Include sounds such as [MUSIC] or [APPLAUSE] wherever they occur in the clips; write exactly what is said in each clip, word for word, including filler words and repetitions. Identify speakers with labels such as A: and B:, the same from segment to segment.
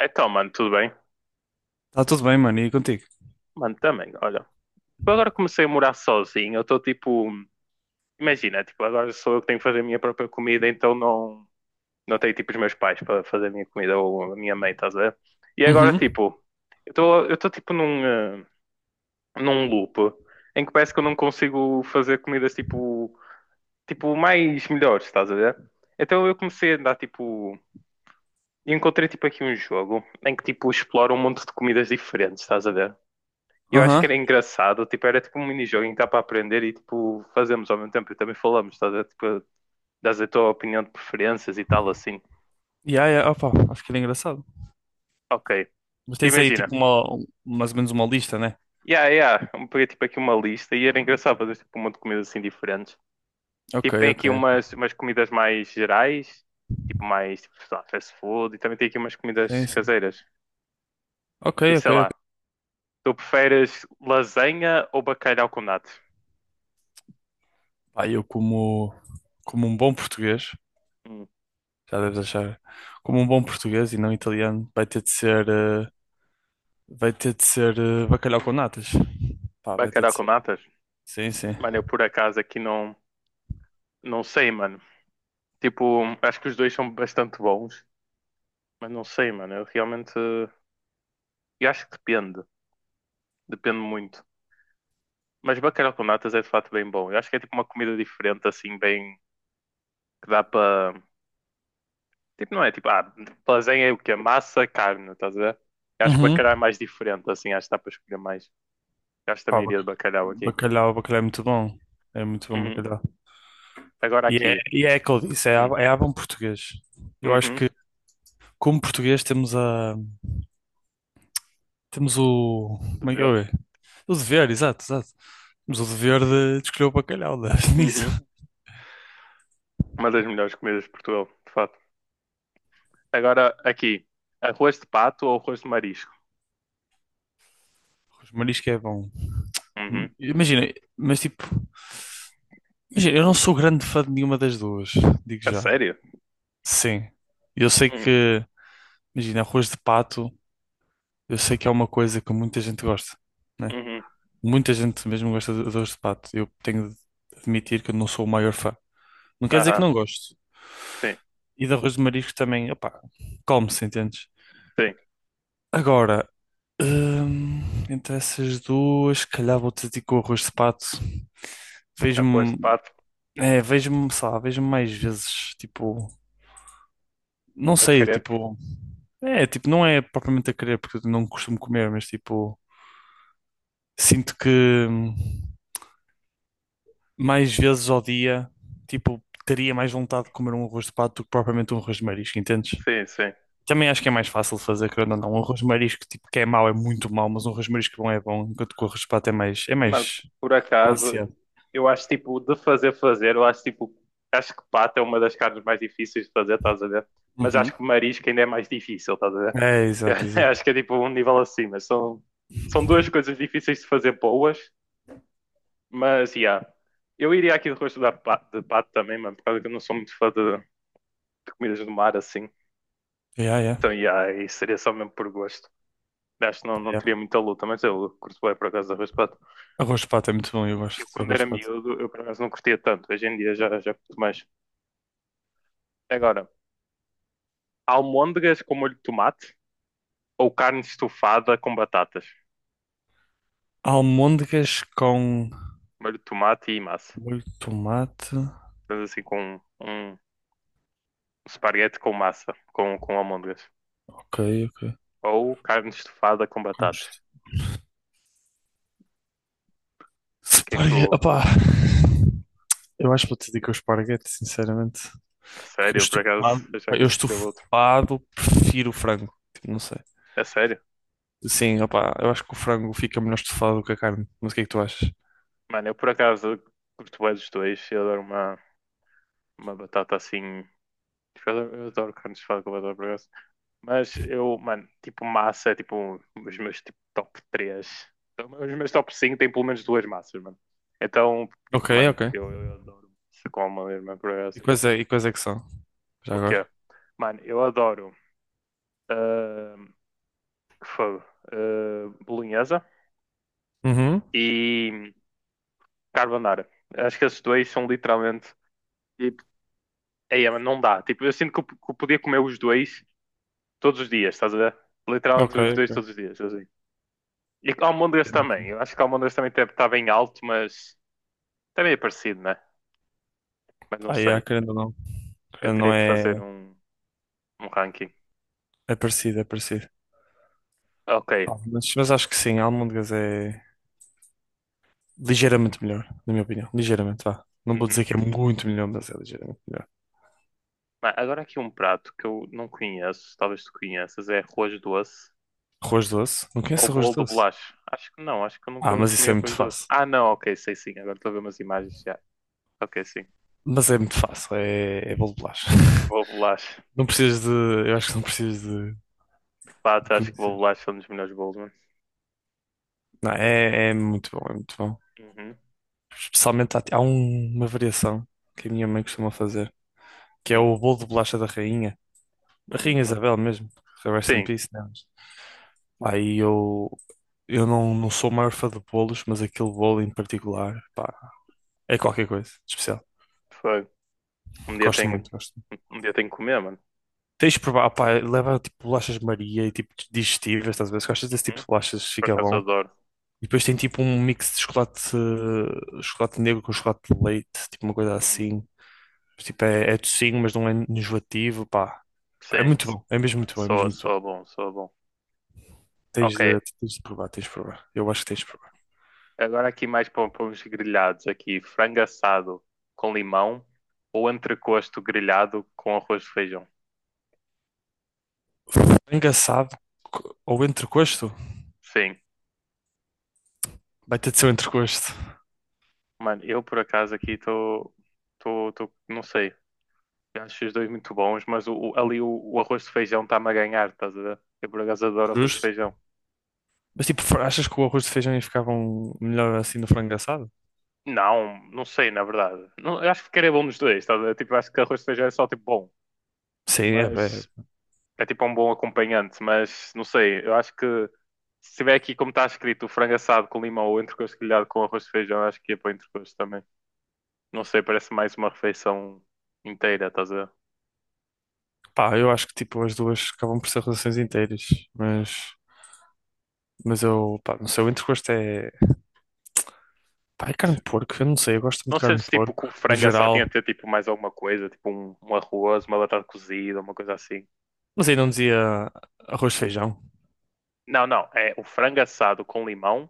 A: Então, mano, tudo bem?
B: Tá tudo bem, mano, e contigo?
A: Mano, também, olha. Eu agora comecei a morar sozinho, eu estou tipo. Imagina, tipo, agora sou eu que tenho que fazer a minha própria comida, então não, não tenho tipo os meus pais para fazer a minha comida ou a minha mãe, estás a ver? E agora,
B: Uhum.
A: tipo, eu estou eu estou tipo num, eh, num loop em que parece que eu não consigo fazer comidas tipo. Tipo, mais melhores, estás a ver? Então eu comecei a andar, tipo, e encontrei, tipo, aqui um jogo em que, tipo, explora um monte de comidas diferentes, estás a ver? E eu acho que
B: Aham.
A: era engraçado, tipo, era tipo um minijogo em que dá para aprender e tipo, fazemos ao mesmo tempo e também falamos, estás a ver? Tipo, dás a tua opinião de preferências e tal assim.
B: E yeah, yeah, opa, acho que era engraçado.
A: Ok,
B: Mas tens aí
A: imagina.
B: tipo uma, um- mais ou menos uma lista, né?
A: Yeah, yeah, eu peguei tipo aqui uma lista e era engraçado fazer tipo um monte de comidas assim diferentes.
B: Ok,
A: Tipo, tem
B: ok.
A: aqui umas, umas comidas mais gerais, tipo mais, tipo, sei lá, fast food e também tem aqui umas
B: Sim,
A: comidas
B: sim.
A: caseiras.
B: Ok,
A: Tipo,
B: ok,
A: sei
B: ok.
A: lá, tu preferes lasanha ou bacalhau com natas?
B: Pá, eu como, como um bom português,
A: Hum,
B: já deves achar, como um bom português e não italiano, vai ter de ser, eh, vai ter de ser eh, bacalhau com natas. Pá, vai ter
A: bacalhau
B: de
A: com
B: ser.
A: natas?
B: Sim, sim.
A: Mano, eu por acaso aqui não, não sei, mano. Tipo, acho que os dois são bastante bons, mas não sei, mano. Eu realmente. Eu acho que depende. Depende muito. Mas bacalhau com natas é de fato bem bom. Eu acho que é tipo uma comida diferente, assim, bem. Que dá para. Tipo, não é tipo. Ah, lasanha é o quê? Massa, carne, estás a ver? Eu acho que
B: Uhum.
A: bacalhau é mais diferente, assim. Acho que dá para escolher mais. Eu acho que
B: Pá,
A: também iria de
B: bac-
A: bacalhau aqui.
B: bacalhau, bacalhau é muito bom. É muito bom
A: Uhum.
B: bacalhau.
A: Agora
B: E é,
A: aqui.
B: e é aquilo que eu disse, é, a-
A: Hum.
B: é a bom português. Eu acho
A: Uhum.
B: que como português temos a temos o
A: De
B: como é que
A: ver.
B: é? O dever, exato, exato. Temos o dever de, de escolher o bacalhau, né? [LAUGHS] nisso.
A: Uhum. Uma das melhores comidas de Portugal, de fato. Agora aqui. Arroz de pato ou arroz de marisco?
B: Os marisco é bom.
A: Uhum.
B: Imagina, mas tipo, imagina, eu não sou grande fã de nenhuma das duas, digo
A: A
B: já.
A: sério?
B: Sim. Eu sei
A: Uhum,
B: que, imagina, arroz de pato, eu sei que é uma coisa que muita gente gosta, né?
A: uhum.
B: Muita gente mesmo gosta de de arroz de pato. Eu tenho de admitir que eu não sou o maior fã. Não quer dizer que
A: Aham,
B: não gosto.
A: sim,
B: E de arroz de marisco também, opá, come-se, entendes?
A: sim.
B: Agora, hum, entre essas duas, se calhar vou-te dizer que o arroz de pato.
A: Após
B: Vejo-me,
A: pato,
B: é, vejo-me, sei lá, Vejo-me mais vezes, tipo, não
A: a
B: sei,
A: querer.
B: tipo, é, tipo, não é propriamente a querer, porque eu não costumo comer, mas tipo, sinto que hum, mais vezes ao dia, tipo, teria mais vontade de comer um arroz de pato do que propriamente um arroz de marisco, entendes?
A: Sim, sim.
B: Também acho que é mais fácil de fazer, querendo ou não. Um arroz de marisco, tipo, que é mau, é muito mau, mas um arroz de marisco bom é bom, enquanto que o arroz de pato é mais, é
A: Mano,
B: mais
A: por acaso,
B: Balanceado.
A: eu acho tipo, de fazer, fazer, eu acho tipo, acho que pato é uma das carnes mais difíceis de fazer, estás a ver? Mas
B: Uhum.
A: acho que marisco ainda é mais difícil, estás a ver?
B: É, exato,
A: [LAUGHS] Acho
B: exato.
A: que é tipo um nível acima. São, são duas coisas difíceis de fazer boas, mas, yeah. Eu iria aqui de rosto da pa- de pato também, mano, por causa que eu não sou muito fã de, de comidas do mar, assim.
B: Yeah, yeah,
A: Então, yeah, isso seria só mesmo por gosto. Acho que não, não
B: yeah.
A: teria muita luta, mas eu curto bem por acaso arroz de pato.
B: Arroz de pato é muito bom, eu gosto
A: Eu
B: de
A: quando
B: arroz
A: era
B: de pato.
A: miúdo, eu por acaso não curtia tanto. Hoje em dia já, já curto mais. Agora, almôndegas com molho de tomate ou carne estufada com batatas?
B: Almôndegas com
A: Molho de tomate e massa.
B: molho de tomate.
A: Mas assim com um esparguete com massa, com, com almôndegas.
B: Ok, ok.
A: Ou carne estufada com
B: Com
A: batatas.
B: isto.
A: O que é que
B: Esparguete.
A: tu...
B: Opá. Eu acho que vou te dizer que é o esparguete, sinceramente.
A: A
B: Porque eu
A: sério, eu por acaso,
B: estufado,
A: achar
B: pá,
A: que eu
B: eu
A: escolheu outro.
B: estufado prefiro o frango. Tipo, não sei.
A: É sério?
B: Sim, opá, eu acho que o frango fica melhor estufado do que a carne. Mas o que é que tu achas?
A: Mano, eu por acaso curto bem dos dois. Eu adoro uma, uma batata assim... Eu adoro carne estufada com batata, por acaso. Mas eu, mano, tipo, massa é tipo os meus tipo, top três. Os meus top cinco têm pelo menos duas massas, mano. Então, tipo,
B: Ok,
A: mano,
B: ok.
A: eu, eu adoro massa com uma mesma
B: E
A: progresso.
B: quais é, e quais é que são? Já
A: O quê?
B: agora?
A: Mano, eu adoro uh, fogo, ah, bolonhesa
B: Uhum.
A: e carbonara. Acho que esses dois são literalmente tipo, ei, mano, não dá. Tipo, eu sinto que eu, que eu podia comer os dois todos os dias, estás a ver? Literalmente
B: Ok,
A: os dois todos os dias, assim. E almôndegas
B: ok.
A: também. Eu acho que almôndegas também deve estar bem alto, mas também é parecido, né? Mas não
B: Ah, yeah,
A: sei.
B: querendo ou não.
A: Eu
B: Querendo ou não
A: teria que fazer
B: é,
A: um, um ranking.
B: é parecido, é parecido.
A: Ok.
B: Ah, Mas, mas acho que sim, a almôndegas é ligeiramente melhor, na minha opinião. Ligeiramente, vá. Não vou dizer
A: Uhum.
B: que é muito melhor, mas é ligeiramente melhor.
A: Ah, agora aqui um prato que eu não conheço, talvez tu conheças, é arroz doce
B: Arroz doce? Não
A: ou
B: conheço arroz
A: bolo de
B: doce?
A: bolacha. Acho que não, acho que eu
B: Ah,
A: nunca
B: mas
A: comi
B: isso é muito
A: arroz doce.
B: fácil.
A: Ah, não, ok, sei sim. Agora estou a ver umas imagens já. Ok, sim.
B: Mas é muito fácil, é, é bolo de bolacha. [LAUGHS]
A: Bolo de bolacha.
B: Não precisas de. Eu acho que não precisas de,
A: De
B: de
A: fato, acho que bolo
B: conhecer.
A: de bolacha é um dos melhores bolos, mano.
B: Não, é, é muito bom, é muito bom.
A: Uhum.
B: Especialmente há, há um- uma variação que a minha mãe costuma fazer, que é
A: Hum,
B: o bolo de bolacha da rainha. Da
A: hum,
B: Rainha
A: hum.
B: Isabel mesmo. que Rest in
A: Sim,
B: peace, né? Aí eu, eu não, não sou o maior fã de bolos, mas aquele bolo em particular, pá, é qualquer coisa de especial.
A: foi. Um dia
B: Gosto
A: tenho,
B: muito, gosto muito.
A: um dia tenho que comer, mano.
B: Tens de provar, pá, leva tipo bolachas de Maria e tipo digestivas, estás a ver? Se gostas desse tipo
A: Uhum.
B: de bolachas,
A: Por
B: fica
A: acaso eu
B: bom.
A: adoro.
B: E depois tem tipo um mix de chocolate, eh, chocolate negro com chocolate de leite, tipo uma coisa
A: Hum,
B: assim. Tipo, é, é docinho, mas não é enjoativo, pá. Pá, É
A: sim,
B: muito bom, é mesmo muito bom, é mesmo
A: soa,
B: muito bom.
A: soa bom, soa bom.
B: Tens
A: Ok,
B: de, tens de provar, tens de provar. Eu acho que tens de provar.
A: agora aqui mais para, para uns grelhados aqui. Frango assado com limão ou entrecosto grelhado com arroz de feijão?
B: É Engraçado. co- Ou entrecosto?
A: Sim.
B: Vai ter de ser o entrecosto.
A: Mano, eu por acaso aqui estou... Estou... Não sei. Acho os dois muito bons, mas o, o- ali o, o arroz de feijão está-me a ganhar, estás a ver? Eu por acaso adoro arroz de
B: Justo.
A: feijão.
B: Mas tipo, fra- achas que o arroz de feijão ia ficar um- melhor assim no frango assado?
A: Não, não sei, na verdade. Não, eu acho que ficaria bom nos dois, estás a ver? Tipo, acho que arroz de feijão é só tipo bom.
B: Sim, é, é,
A: Mas é tipo um bom acompanhante, mas não sei, eu acho que se tiver aqui como está escrito frango assado com limão ou entrecosto grelhado com arroz de feijão, eu acho que ia para o entrecosto também. Não sei, parece mais uma refeição inteira, estás a ver?
B: pá, eu acho que tipo as duas acabam por ser relações inteiras, mas, mas eu, pá, não sei, o entrecosto é, pá, é carne de porco, eu não sei, eu gosto muito
A: Não
B: de carne de
A: sentes tipo
B: porco,
A: que o
B: no
A: frango assado tinha
B: geral,
A: de ter tipo mais alguma coisa, tipo um, um arroz, uma batata cozida, uma coisa assim.
B: mas aí não dizia arroz de feijão.
A: Não, não, é o frango assado com limão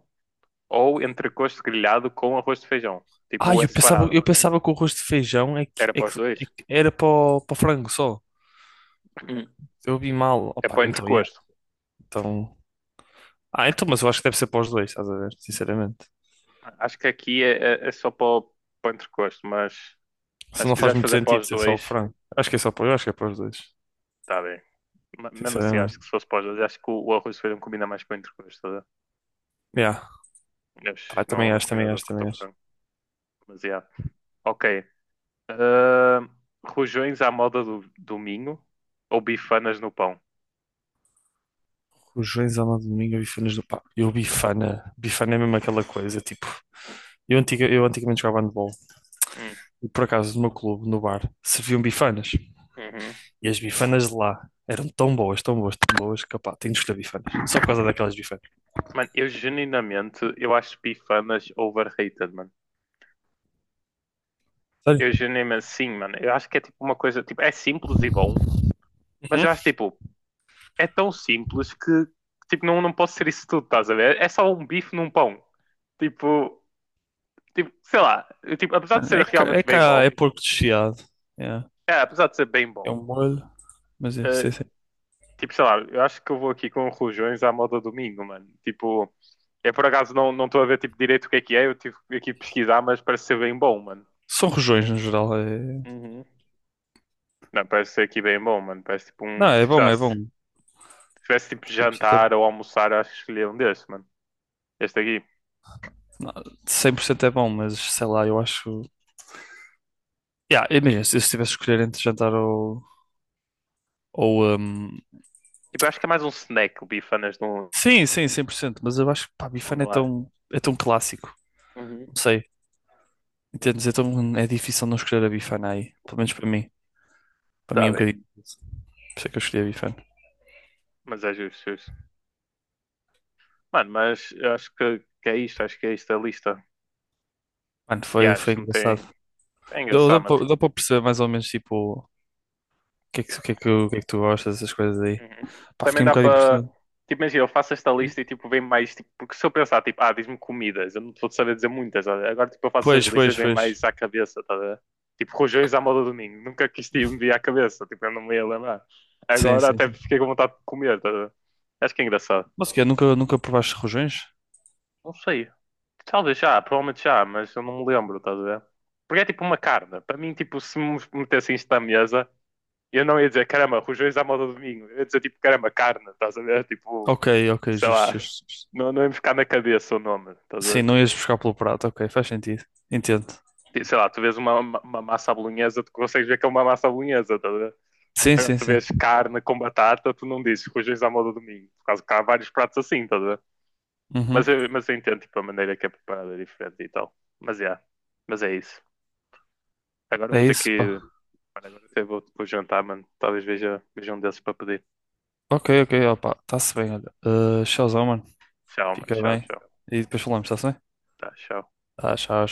A: ou entrecosto grelhado com arroz de feijão.
B: Ah,
A: Tipo, é
B: eu pensava,
A: separado.
B: eu pensava que o arroz de feijão é que,
A: Era
B: é
A: para
B: que,
A: os dois?
B: é que era para o, para o frango só,
A: Hum.
B: eu vi mal,
A: É
B: opa
A: para o
B: então, yeah,
A: entrecosto.
B: então, ah, então, mas eu acho que deve ser para os dois, estás a ver, sinceramente,
A: Acho que aqui é, é- é só para o, para o entrecosto, mas
B: isso
A: Mas se
B: não faz
A: quiseres
B: muito
A: fazer
B: sentido
A: pós
B: ser só o
A: dois,
B: frango, acho que é só para, eu acho que é para os dois,
A: tá bem. Ma- mesmo assim,
B: sinceramente,
A: acho que se fosse pós dois, acho que o, o arroz de feijão combina mais com o entrecôs, tá a ver?
B: yeah,
A: Mas
B: pá,
A: não,
B: também
A: não
B: acho, também
A: combina tanto
B: acho,
A: com o teu
B: também acho.
A: frango. Mas yeah. Ok. Ahn, rojões à moda do, do Minho ou bifanas no pão?
B: Rojões, alma de domingo, bifanas do pá. Eu bifana. Bifana é mesmo aquela coisa, tipo. Eu, antiga, eu antigamente jogava handball
A: Hum,
B: e por acaso no meu clube, no bar, serviam bifanas.
A: uhum.
B: E as bifanas de lá eram tão boas, tão boas, tão boas, que pá, tenho de escolher bifanas. Só por causa daquelas bifanas.
A: Mano, eu genuinamente, eu acho bifanas overrated, mano.
B: Sério?
A: Eu genuinamente, sim, mano. Eu acho que é tipo uma coisa, tipo, é simples e bom. Mas
B: Uhum.
A: eu acho, tipo, é tão simples que tipo, não, não pode ser isso tudo, estás a ver? É só um bife num pão. Tipo, tipo sei lá, eu, tipo, apesar de
B: Mano,
A: ser
B: é cá, é,
A: realmente bem
B: cá, é
A: bom,
B: porco desfiado. É,
A: é, apesar de ser bem
B: é
A: bom,
B: um molho, mas é, sim,
A: eh,
B: sim.
A: tipo, sei lá, eu acho que eu vou aqui com rojões à moda domingo, mano. Tipo, é por acaso não não estou a ver tipo, direito o que é que é, eu tive aqui pesquisar, mas parece ser bem bom, mano.
B: São rojões no geral. É...
A: Uhum. Não, parece ser aqui bem bom, mano. Parece tipo
B: Não,
A: um.
B: é
A: Tipo, sei
B: bom,
A: lá,
B: é
A: se
B: bom.
A: tivesse tipo
B: cem por cento é bom.
A: jantar ou almoçar, eu acho que escolhia um desses, mano. Este aqui.
B: Não, cem por cento é bom, mas sei lá, eu acho. Yeah, imagina, se eu tivesse de escolher entre jantar ou Ou, hum,
A: Tipo, eu acho que é mais um snack, o bifanas, num,
B: sim, sim, cem por cento, mas eu acho que pá,
A: onda
B: Bifana é
A: lá.
B: tão, é tão clássico,
A: Uhum.
B: não sei, entendes? É tão, é difícil não escolher a Bifana aí, pelo menos para mim, para mim
A: Está
B: é um
A: bem,
B: bocadinho, difícil. Por isso é que eu escolhi a Bifana.
A: mas é justo, justo. Mano, mas eu acho que, que é isto, acho que é isto a lista.
B: Mano,
A: E
B: foi,
A: acho
B: foi
A: que não tem.
B: engraçado.
A: É
B: Deu,
A: engraçado,
B: deu,
A: mano.
B: para
A: Tipo,
B: deu para perceber mais ou menos, tipo, o que é que, o que é que, o que é que tu gostas, essas coisas aí.
A: uhum.
B: Pá,
A: Também
B: fiquei um
A: dá
B: bocado
A: para.
B: impressionado.
A: Tipo, imagina, eu faço esta lista e tipo, vem mais. Tipo, porque se eu pensar, tipo, ah, diz-me comidas, eu não vou saber dizer muitas. Olha. Agora, tipo, eu faço
B: Pois,
A: essas listas e
B: pois,
A: vem
B: pois,
A: mais à cabeça, tá a ver? Tipo, rojões à moda do domingo. Nunca quis te me vir à cabeça, tipo, eu não me ia lembrar.
B: sim,
A: Agora
B: sim,
A: até
B: sim.
A: fiquei com vontade de comer, tá a ver? Acho que é engraçado.
B: Mas o quê, nunca, nunca provaste rojões?
A: Não sei. Talvez já, provavelmente já, mas eu não me lembro, estás a ver? Porque é tipo uma carne. Para mim, tipo, se me metessem isto à mesa, eu não ia dizer, caramba, rojões à moda do domingo. Eu ia dizer, tipo, caramba, carne, estás a ver? Tipo,
B: Ok, ok,
A: sei
B: justo,
A: lá,
B: justo, justo.
A: não, não ia me ficar na cabeça o nome, estás a
B: Sim,
A: ver?
B: não ias buscar pelo prato, ok, faz sentido, entendo.
A: Tipo, sei lá, tu vês uma, uma, uma massa à bolonhesa, tu consegues ver que é uma massa à bolonhesa, estás a ver?
B: Sim,
A: Agora,
B: sim,
A: tu
B: sim.
A: vês carne com batata, tu não dizes rojões à moda do domingo. Por causa que há vários pratos assim, estás a ver?
B: Uhum,
A: Mas eu, mas eu entendo, tipo, a maneira que é preparada é diferente e tal. Mas é, mas é isso. Agora eu
B: é
A: vou ter que
B: isso, pá.
A: ir. Mano, agora eu vou, vou jantar, mano. Talvez veja, veja um desses para pedir.
B: Ok, ok, ó, está-se bem, olha. Uh, tchauzão, mano.
A: Tchau, mano.
B: Fica
A: Tchau,
B: bem.
A: tchau.
B: E depois falamos, está-se bem?
A: Tá, tchau.
B: Tá, tchau.